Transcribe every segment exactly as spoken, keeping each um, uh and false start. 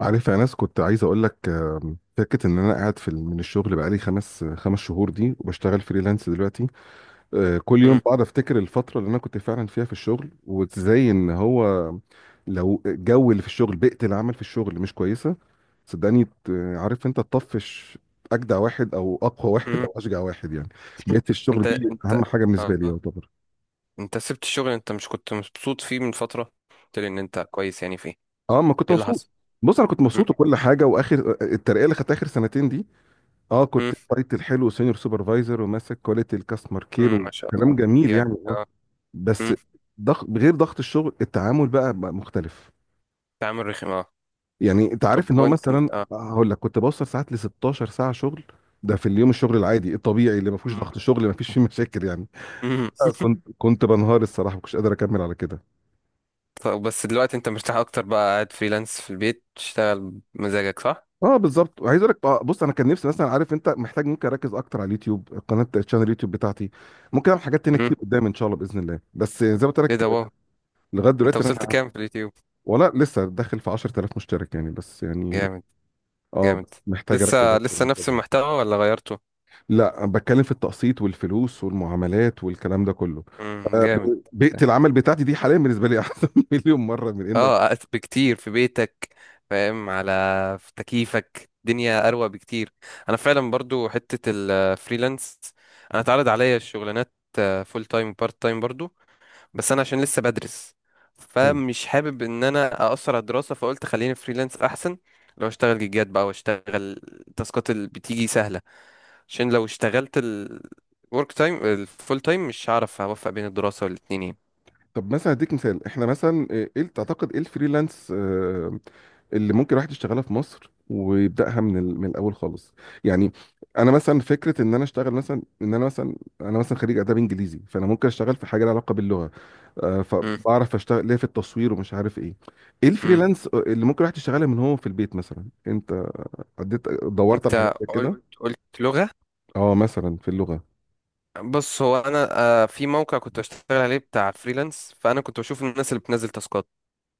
عارف يا ناس، كنت عايز اقول لك آم، فكره ان انا قاعد في ال- من الشغل بقالي خمس خمس شهور دي وبشتغل فريلانس دلوقتي. آه، كل يوم مم. بقعد افتكر الفتره اللي انا كنت فعلا فيها في الشغل، وازاي ان هو لو الجو اللي في الشغل، بيئه العمل في الشغل مش كويسه، صدقني ت- عارف انت تطفش اجدع واحد او اقوى واحد مم. او اشجع واحد يعني. بيئه الشغل انت دي انت اهم حاجه بالنسبه لي اه يعتبر. انت سبت الشغل، انت مش كنت مبسوط فيه من فترة؟ قلت لي ان انت كويس، يعني فيه اه، ما كنت ايه اللي مبسوط. حصل؟ بص، انا كنت مم. مبسوط وكل حاجه، واخر آه، الترقيه اللي خدتها اخر سنتين دي، اه مم. كنت تايتل حلو، سينيور سوبرفايزر وماسك كواليتي الكاستمر كير مم. ما شاء وكلام الله، جميل جامد. يعني والله. اه. بس مم. ضغط غير ضغط الشغل، التعامل بقى بقى مختلف. تعامل رخم. اه. يعني انت عارف طب ان هو، وانت مثلا انت اه هقول لك، كنت بوصل ساعات ل ستة عشر ساعة ساعه شغل، ده في اليوم الشغل العادي الطبيعي اللي ما فيهوش مم. ضغط شغل ما فيش فيه مشاكل يعني. مم. آه، كنت كنت بنهار، الصراحه ما كنتش قادر اكمل على كده. طب بس دلوقتي انت مرتاح اكتر بقى، قاعد فريلانس في البيت تشتغل بمزاجك، صح؟ اه بالظبط، وعايز اقول لك آه، بص، انا كان نفسي مثلا، عارف انت، محتاج ممكن اركز اكتر على اليوتيوب، قناه الشانل اليوتيوب بتاعتي. ممكن اعمل حاجات تانية مم. كتير قدام ان شاء الله باذن الله، بس زي ما قلت ايه لك ده، واو. لغايه انت دلوقتي وصلت انا كام في اليوتيوب؟ ولا لسه داخل في عشر تلاف مشترك يعني، بس يعني جامد. اه جامد. بس محتاج اركز لسه اكتر لسه من نفس كده. المحتوى ولا غيرته؟ لا، بتكلم في التقسيط والفلوس والمعاملات والكلام ده كله. مم. آه، جامد. ب- بيئة العمل بتاعتي دي حاليا بالنسبة لي احسن مليون مرة من اه أس- بكتير في بيتك، فاهم على، في تكييفك الدنيا اروق بكتير. انا فعلا برضو حتة الفريلانس، انا اتعرض عليا الشغلانات فول تايم بارت تايم برضو، بس انا عشان لسه بدرس، ان. فمش حابب ان انا اقصر على الدراسة، فقلت خليني فريلانس احسن. لو اشتغل جيجات بقى واشتغل التاسكات اللي بتيجي سهلة، عشان لو اشتغلت الورك تايم الفول تايم مش هعرف اوفق بين الدراسة والاتنين يعني. طب مثلا اديك مثال، احنا مثلا ايه، إيه تعتقد ايه الفريلانس آه، اللي ممكن الواحد يشتغلها في مصر ويبداها من ال- من الاول خالص يعني؟ انا مثلا فكره ان انا اشتغل مثلا ان انا مثلا انا مثلا خريج اداب انجليزي، فانا ممكن اشتغل في حاجه لها علاقه باللغه. آه، مم، فبعرف اشتغل ليه في التصوير ومش عارف ايه، ايه مم. الفريلانس اللي ممكن الواحد يشتغلها من هو في البيت مثلا؟ انت عديت دورت على حاجات انت زي قلت كده؟ قلت لغة. اه، مثلا في اللغه. بص هو انا آه، في موقع كنت بشتغل عليه بتاع فريلانس، فانا كنت بشوف الناس اللي بتنزل تاسكات.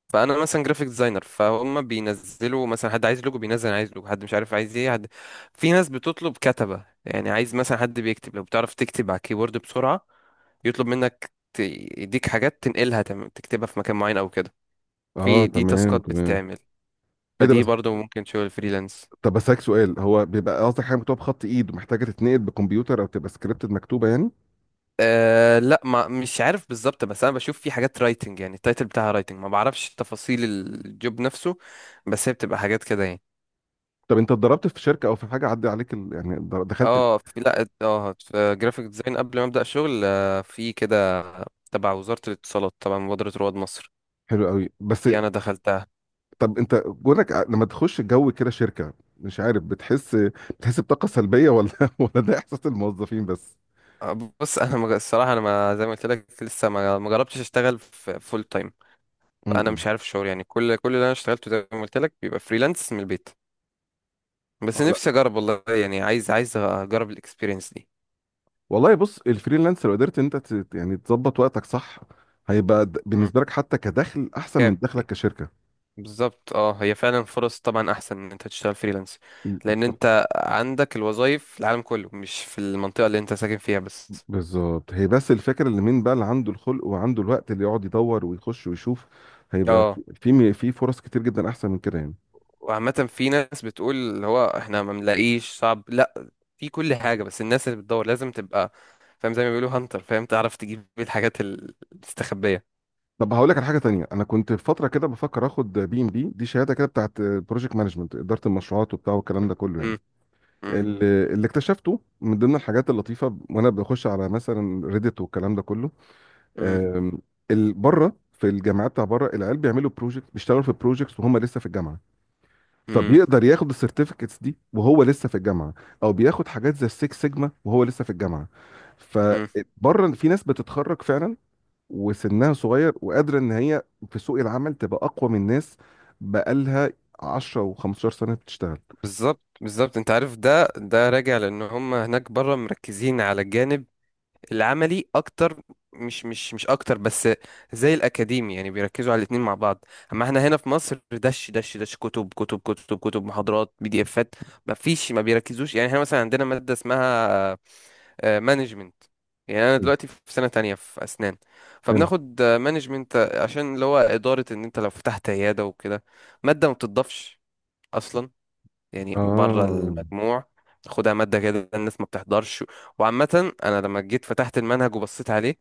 فانا مثلا جرافيك ديزاينر، فهم بينزلوا مثلا حد عايز لوجو، بينزل عايز لوجو، حد مش عارف عايز ايه، حد. في ناس بتطلب كتبة، يعني عايز مثلا حد بيكتب. لو بتعرف تكتب على الكيبورد بسرعة، يطلب منك ت- يديك حاجات تنقلها تم- تكتبها في مكان معين او كده. اه في دي تمام، تاسكات تمام. بتتعمل، ايه ده؟ فدي بس. برضو ممكن شغل فريلانس. طب بسألك سؤال، هو بيبقى قصدك حاجه مكتوبه بخط ايد ومحتاجه تتنقل بكمبيوتر، او تبقى سكريبتد مكتوبه يعني؟ أه لا، ما مش عارف بالظبط، بس انا بشوف في حاجات رايتنج، يعني التايتل بتاعها رايتنج، ما بعرفش تفاصيل الجوب نفسه، بس هي بتبقى حاجات كده يعني. طب انت اتدربت في شركه او في حاجه عدى عليك ال... يعني در- دخلت؟ اه في لا اه في جرافيك ديزاين قبل ما ابدا شغل، آه، في كده تبع وزاره الاتصالات، طبعا مبادره رواد مصر حلو قوي. بس دي انا دخلتها. طب انت جونك ع- لما تخش جو كده شركه، مش عارف، بتحس، بتحس بطاقه سلبيه، ولا ولا ده احساس الموظفين بس؟ آه، بص انا مج- الصراحه انا، ما زي ما قلت لك، لسه ما ما جربتش اشتغل في فول تايم. فانا امم مش عارف الشغل يعني، كل كل اللي انا اشتغلته زي ما قلت لك بيبقى فريلانس من البيت. بس اه لا، نفسي اجرب والله، يعني عايز عايز اجرب الاكسبيرينس دي. والله بص، الفريلانس لو قدرت انت ت... يعني تظبط وقتك صح، هيبقى د- مم. بالنسبه لك حتى كدخل احسن من دخلك كافي. كشركه. بالظبط اه، هي فعلا فرص طبعا احسن ان انت تشتغل فريلانس، لان انت عندك الوظايف في العالم كله، مش في المنطقه اللي انت ساكن فيها بس. بالظبط، هي بس الفكره اللي، مين بقى اللي عنده الخلق وعنده الوقت اللي يقعد يدور ويخش ويشوف، هيبقى في اه. في في فرص كتير جدا احسن من كده يعني. وعامه في ناس بتقول اللي هو احنا ما بنلاقيش، صعب، لا، في كل حاجه، بس الناس اللي بتدور لازم تبقى فاهم، زي ما بيقولوا هانتر، فاهم، تعرف تجيب الحاجات ال- المستخبيه. طب هقول لك على حاجه تانية، انا كنت في فتره كده بفكر اخد بي ام بي دي، شهاده كده بتاعت بروجكت مانجمنت، اداره المشروعات وبتاع، والكلام ده كله يعني. مم، مم، ال- اللي اكتشفته من ضمن الحاجات اللطيفه وانا بخش على مثلا ريديت والكلام ده كله، مم، أم، ال- بره في الجامعات، بتاع بره، العيال بيعملوا بروجكت، بيشتغلوا في بروجكتس وهم لسه في الجامعه. طب مم، يقدر ياخد السيرتيفيكتس دي وهو لسه في الجامعه، او بياخد حاجات زي السيكس سيجما وهو لسه في الجامعه. مم. فبره في ناس بتتخرج فعلا وسنها صغير، وقادره ان هي في سوق العمل تبقى اقوى من ناس بقالها عشر و15 سنه بتشتغل بالظبط بالظبط. انت عارف، ده ده راجع لان هم هناك بره مركزين على الجانب العملي اكتر. مش مش مش اكتر بس زي الاكاديمي، يعني بيركزوا على الاتنين مع بعض. اما احنا هنا في مصر، دش دش دش، كتب كتب كتب كتب، محاضرات، بي دي افات، ما فيش، ما بيركزوش. يعني احنا مثلا عندنا مادة اسمها مانجمنت، يعني انا دلوقتي في سنة تانية في اسنان، هنا. فبناخد مانجمنت عشان اللي هو ادارة ان انت لو فتحت عيادة وكده. مادة ما بتضافش اصلا، يعني بره اه المجموع، خدها مادة كده، الناس ما بتحضرش. وعامة أنا لما جيت فتحت المنهج وبصيت عليه،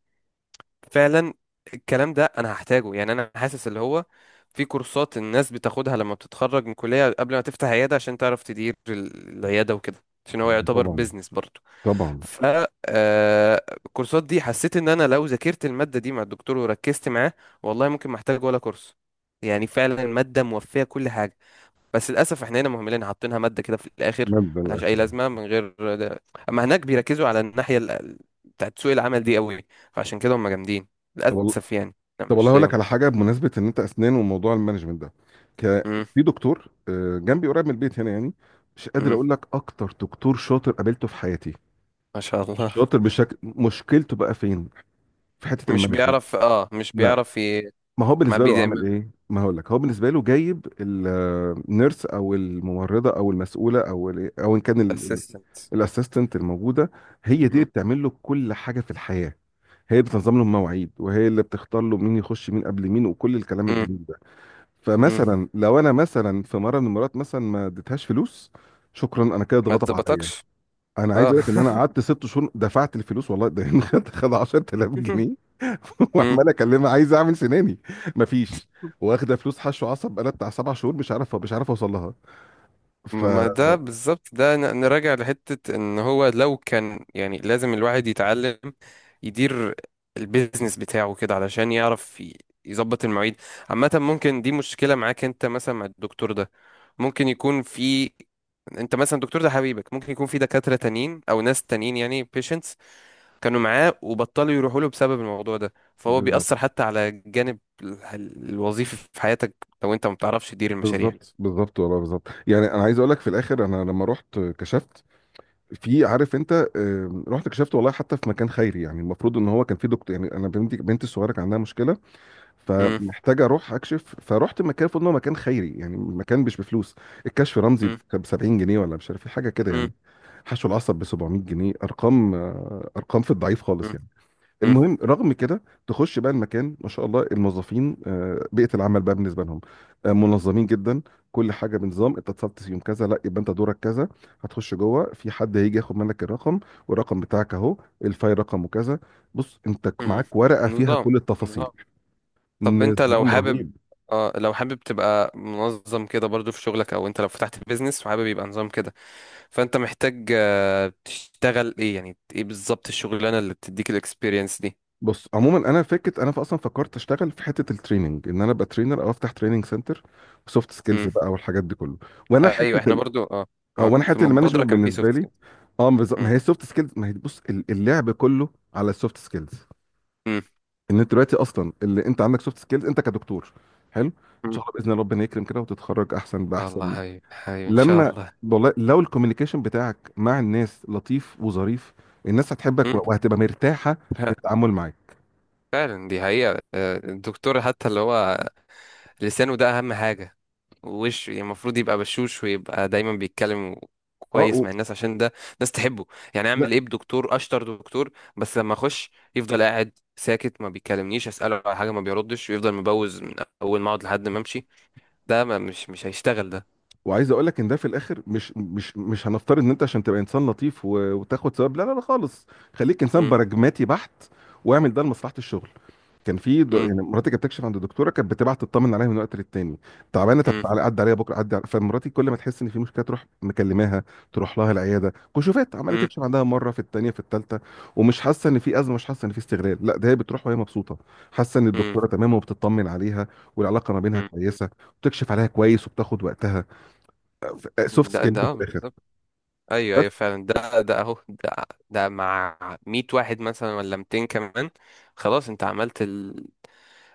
فعلا الكلام ده أنا هحتاجه. يعني أنا حاسس اللي هو في كورسات الناس بتاخدها لما بتتخرج من كلية قبل ما تفتح عيادة، عشان تعرف تدير ال- العيادة وكده، عشان هو يعتبر طبعا، بيزنس برضه. طبعا. ف آه، الكورسات دي حسيت ان انا لو ذاكرت المادة دي مع الدكتور وركزت معاه، والله ممكن ما احتاج ولا كورس. يعني فعلا المادة موفية كل حاجة، بس للاسف احنا هنا مهملين حاطينها ماده كده في الاخر، مادة ملهاش اي الأكل لازمه من غير ده. اما هناك بيركزوا على الناحيه ال- بتاعت سوق العمل دي قوي، فعشان كده هم جامدين. والله. للاسف يعني، لا طب والله مش هقول زيهم. لك على حاجه بمناسبه ان انت اسنان وموضوع المانجمنت ده، ك... امم. في دكتور آه، جنبي قريب من البيت هنا يعني، مش قادر امم. اقول لك، اكتر دكتور شاطر قابلته في حياتي. ما شاء الله. شاطر بشكل، مشكلته بقى فين؟ في حته مش المانجمنت. بيعرف، اه مش لا، بيعرف ي... ما هو ما بالنسبه بي له عمل ايه، ما هقول لك، هو بالنسبه له جايب النيرس او الممرضه او المسؤوله او ال- او ان كان اسيستنت. الاسيستنت الموجوده، هي دي اللي امم. بتعمل له كل حاجه في الحياه. هي اللي بتنظم له المواعيد، وهي اللي بتختار له مين يخش مين قبل مين، وكل الكلام امم. الجميل ده. إمم. فمثلا لو انا مثلا في مره من المرات مثلا ما اديتهاش فلوس، شكرا، انا كده ما اتغضب عليا. تظبطكش. انا عايز اه. اقول لك ان انا قعدت ست شهور دفعت الفلوس، والله ده خد خد 10000 جنيه امم. وعمال اكلمها عايز اعمل سناني، مفيش، واخده فلوس حشو عصب بقالها بتاع سبع شهور، مش عارف مش عارف اوصل لها. ف ما ده بالظبط، ده ن- نراجع لحتة ان هو لو كان، يعني لازم الواحد يتعلم يدير البيزنس بتاعه كده، علشان يعرف ي- يظبط المواعيد. عامة ممكن دي مشكلة معاك انت مثلا مع الدكتور ده، ممكن يكون في، انت مثلا الدكتور ده حبيبك، ممكن يكون في دكاترة تانيين او ناس تانيين، يعني patients كانوا معاه وبطلوا يروحوا له بسبب الموضوع ده، فهو بالظبط. بيأثر حتى على الجانب ال- الوظيفي في حياتك، لو انت ما بتعرفش تدير المشاريع. بالظبط بالظبط والله بالظبط يعني، انا عايز اقول لك في الاخر، انا لما رحت كشفت، في، عارف انت، آم، رحت كشفت والله حتى في مكان خيري يعني، المفروض ان هو كان في دكتور يعني، انا بنتي بنتي الصغيره كان عندها مشكله، مم، فمحتاج اروح اكشف، فروحت مكان المفروض ان هو مكان خيري يعني، مكان مش بفلوس. الكشف رمزي مم، ب سبعين جنيه ولا مش عارف ايه، حاجه كده مم، يعني. حشو العصب ب سبع مئة جنيه، ارقام، ارقام في الضعيف خالص مم، يعني. مم. المهم، رغم كده تخش بقى المكان، ما شاء الله الموظفين آه، بيئه العمل بقى بالنسبه لهم، آه، منظمين جدا. كل حاجه بنظام، انت اتصلت يوم كذا، لا، يبقى انت دورك كذا، هتخش جوه في حد هيجي ياخد منك الرقم، والرقم بتاعك اهو، الفايل رقمه كذا، بص انت مم. معاك ورقه فيها نظام. كل التفاصيل. نظام. طب انت لو نظام حابب، رهيب. اه لو حابب تبقى منظم كده برضو في شغلك، او انت لو فتحت بيزنس وحابب يبقى نظام كده، فانت محتاج آه، تشتغل ايه، يعني ايه بالظبط الشغلانه اللي بتديك الاكسبيرينس دي؟ بص عموما، انا فكرت، انا اصلا فكرت اشتغل في حته التريننج، ان انا ابقى ترينر او افتح تريننج سنتر، سوفت سكيلز مم. بقى والحاجات دي كله. وانا آه، ايوه حته احنا ال... برضو اه. اه، اه وانا في حته المبادره المانجمنت كان في بالنسبه سوفت لي، سكيلز. اه بالظبط. ما هي السوفت سكيلز، ما هي بص، ال- اللعب كله على السوفت سكيلز، ان انت دلوقتي اصلا اللي انت عندك سوفت سكيلز انت كدكتور، حلو، ان شاء الله باذن الله ربنا يكرم كده وتتخرج احسن الله باحسن. حبيبي حبيبي ان شاء لما، الله. والله، لو الكوميونيكيشن بتاعك مع الناس لطيف وظريف، الناس هتحبك مم. وهتبقى مرتاحه في ف- التعامل معاك. فعلا دي حقيقه، آه، الدكتور حتى اللي هو لسانه ده اهم حاجه ووشه، يعني المفروض يبقى بشوش ويبقى دايما بيتكلم اه كويس و... مع الناس عشان ده ناس تحبه. يعني اعمل لا، ايه بدكتور اشطر دكتور، بس لما اخش يفضل قاعد ساكت، ما بيكلمنيش، اساله على حاجه ما بيردش، ويفضل مبوز من اول ما اقعد لحد ما امشي؟ ده ما مش مش هيشتغل ده. وعايز اقول لك ان ده في الاخر مش مش مش هنفترض ان انت عشان تبقى انسان لطيف و- وتاخد ثواب، لا لا لا خالص. خليك انسان م- براجماتي بحت واعمل ده لمصلحه الشغل. كان في د... م- يعني مراتي كانت بتكشف عند دكتوره، كانت بتبعت تطمن عليها من وقت للتاني، تعبانه، طب م- تعالى عدي عليها بكره، عدي على... فمراتي كل ما تحس ان في مشكله تروح مكلماها، تروح لها العياده، كشوفات عماله م- تكشف عندها مره في التانيه في التالته، ومش حاسه ان في ازمه، مش حاسه ان في استغلال، لا ده هي بتروح وهي مبسوطه، حاسه ان م- الدكتوره تمام وبتطمن عليها، والعلاقه ما بينها م. كويسه، وبتكشف عليها كويس وبتاخد وقتها. سوفت ده سكيل ده في آه الاخر. بالظبط. ايوه بس ايوه فعلا، ده ده اهو ده. ده مع مية واحد مثلا ولا ميتين كمان، خلاص انت عملت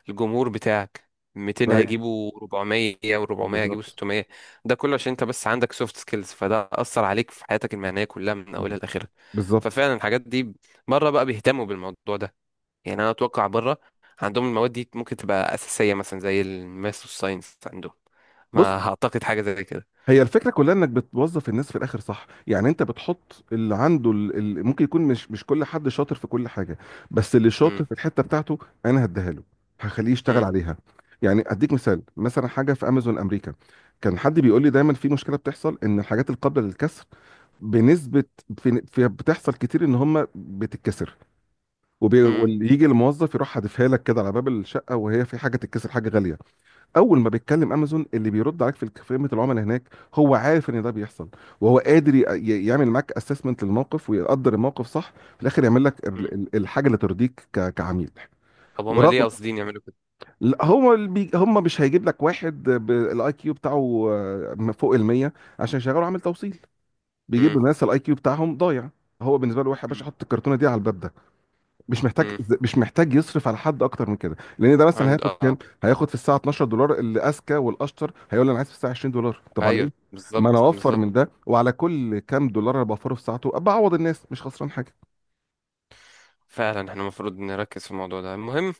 الجمهور بتاعك، ميتين فهي- تمام. هيجيبوا اربعمية و400 هيجيبوا بالظبط ستمية. ده كله عشان انت بس عندك سوفت سكيلز، فده اثر عليك في حياتك المهنيه كلها من اولها لاخرها. بالظبط. ففعلا الحاجات دي بره بقى بيهتموا بالموضوع ده. يعني انا اتوقع بره عندهم المواد دي ممكن تبقى اساسيه مثلا زي الماث والساينس عندهم، بص ما اعتقد حاجه زي كده. هي الفكره كلها انك بتوظف الناس في الاخر صح، يعني انت بتحط اللي عنده ال- ال- ممكن يكون مش، مش كل حد شاطر في كل حاجه، بس اللي شاطر مم، في الحته بتاعته انا هديها له، هخليه يشتغل مم، عليها. يعني اديك مثال، مثلا حاجه في امازون امريكا، كان حد بيقول لي دايما في مشكله بتحصل ان الحاجات القابله للكسر بنسبه في في- بتحصل كتير ان هم بتتكسر، وبي... مم، ويجي الموظف يروح حادفها لك كده على باب الشقه، وهي في حاجه تتكسر، حاجه غاليه. اول ما بيتكلم امازون، اللي بيرد عليك في الك- خدمه العملاء هناك، هو عارف ان ده بيحصل، وهو قادر ي... ي- يعمل معاك اسسمنت للموقف، ويقدر الموقف صح، في الاخر يعمل لك مم. ال- ال- الحاجه اللي ترضيك ك... كعميل. طب هما ليه ورغم قاصدين يعملوا كده؟ لا، هو اللي بي... هم مش هيجيب لك واحد بالاي كيو بتاعه آه، فوق ال مية عشان يشغله عامل توصيل، بيجيب مم، الناس الاي كيو بتاعهم ضايع. هو بالنسبه له، واحد يا مم، باشا حط الكرتونه دي على الباب، مش محتاج، مم. مش محتاج يصرف على حد اكتر من كده، لان ده مثلا عند هياخد اه آه. كام، هياخد في الساعه اتناشر دولار، اللي اذكى والاشطر هيقول لي انا عايز في الساعه عشرين دولار، طب على ايوه ايه؟ ما انا بالظبط اوفر بالظبط. من ده، وعلى كل كام دولار انا بوفره في ساعته بعوض الناس، مش خسران حاجه. فعلا احنا المفروض نركز في الموضوع ده المهم.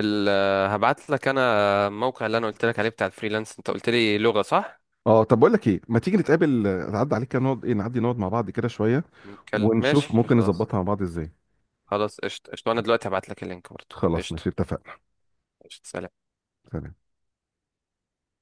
ال- هبعت لك انا الموقع اللي انا قلت لك عليه بتاع الفريلانس، انت قلت لي لغة صح؟ اه، طب بقول لك ايه، ما تيجي نتقابل آه، نعدي عليك كده، نقعد، ايه، نعدي نقعد مع بعض كده شويه، نتكلم ماشي ونشوف ممكن خلاص. نظبطها مع بعض ازاي. خلاص قشطة قشطة، انا دلوقتي هبعت لك اللينك برضه. خلاص قشطة ماشي، اتفقنا. قشطة. سلام. سلام.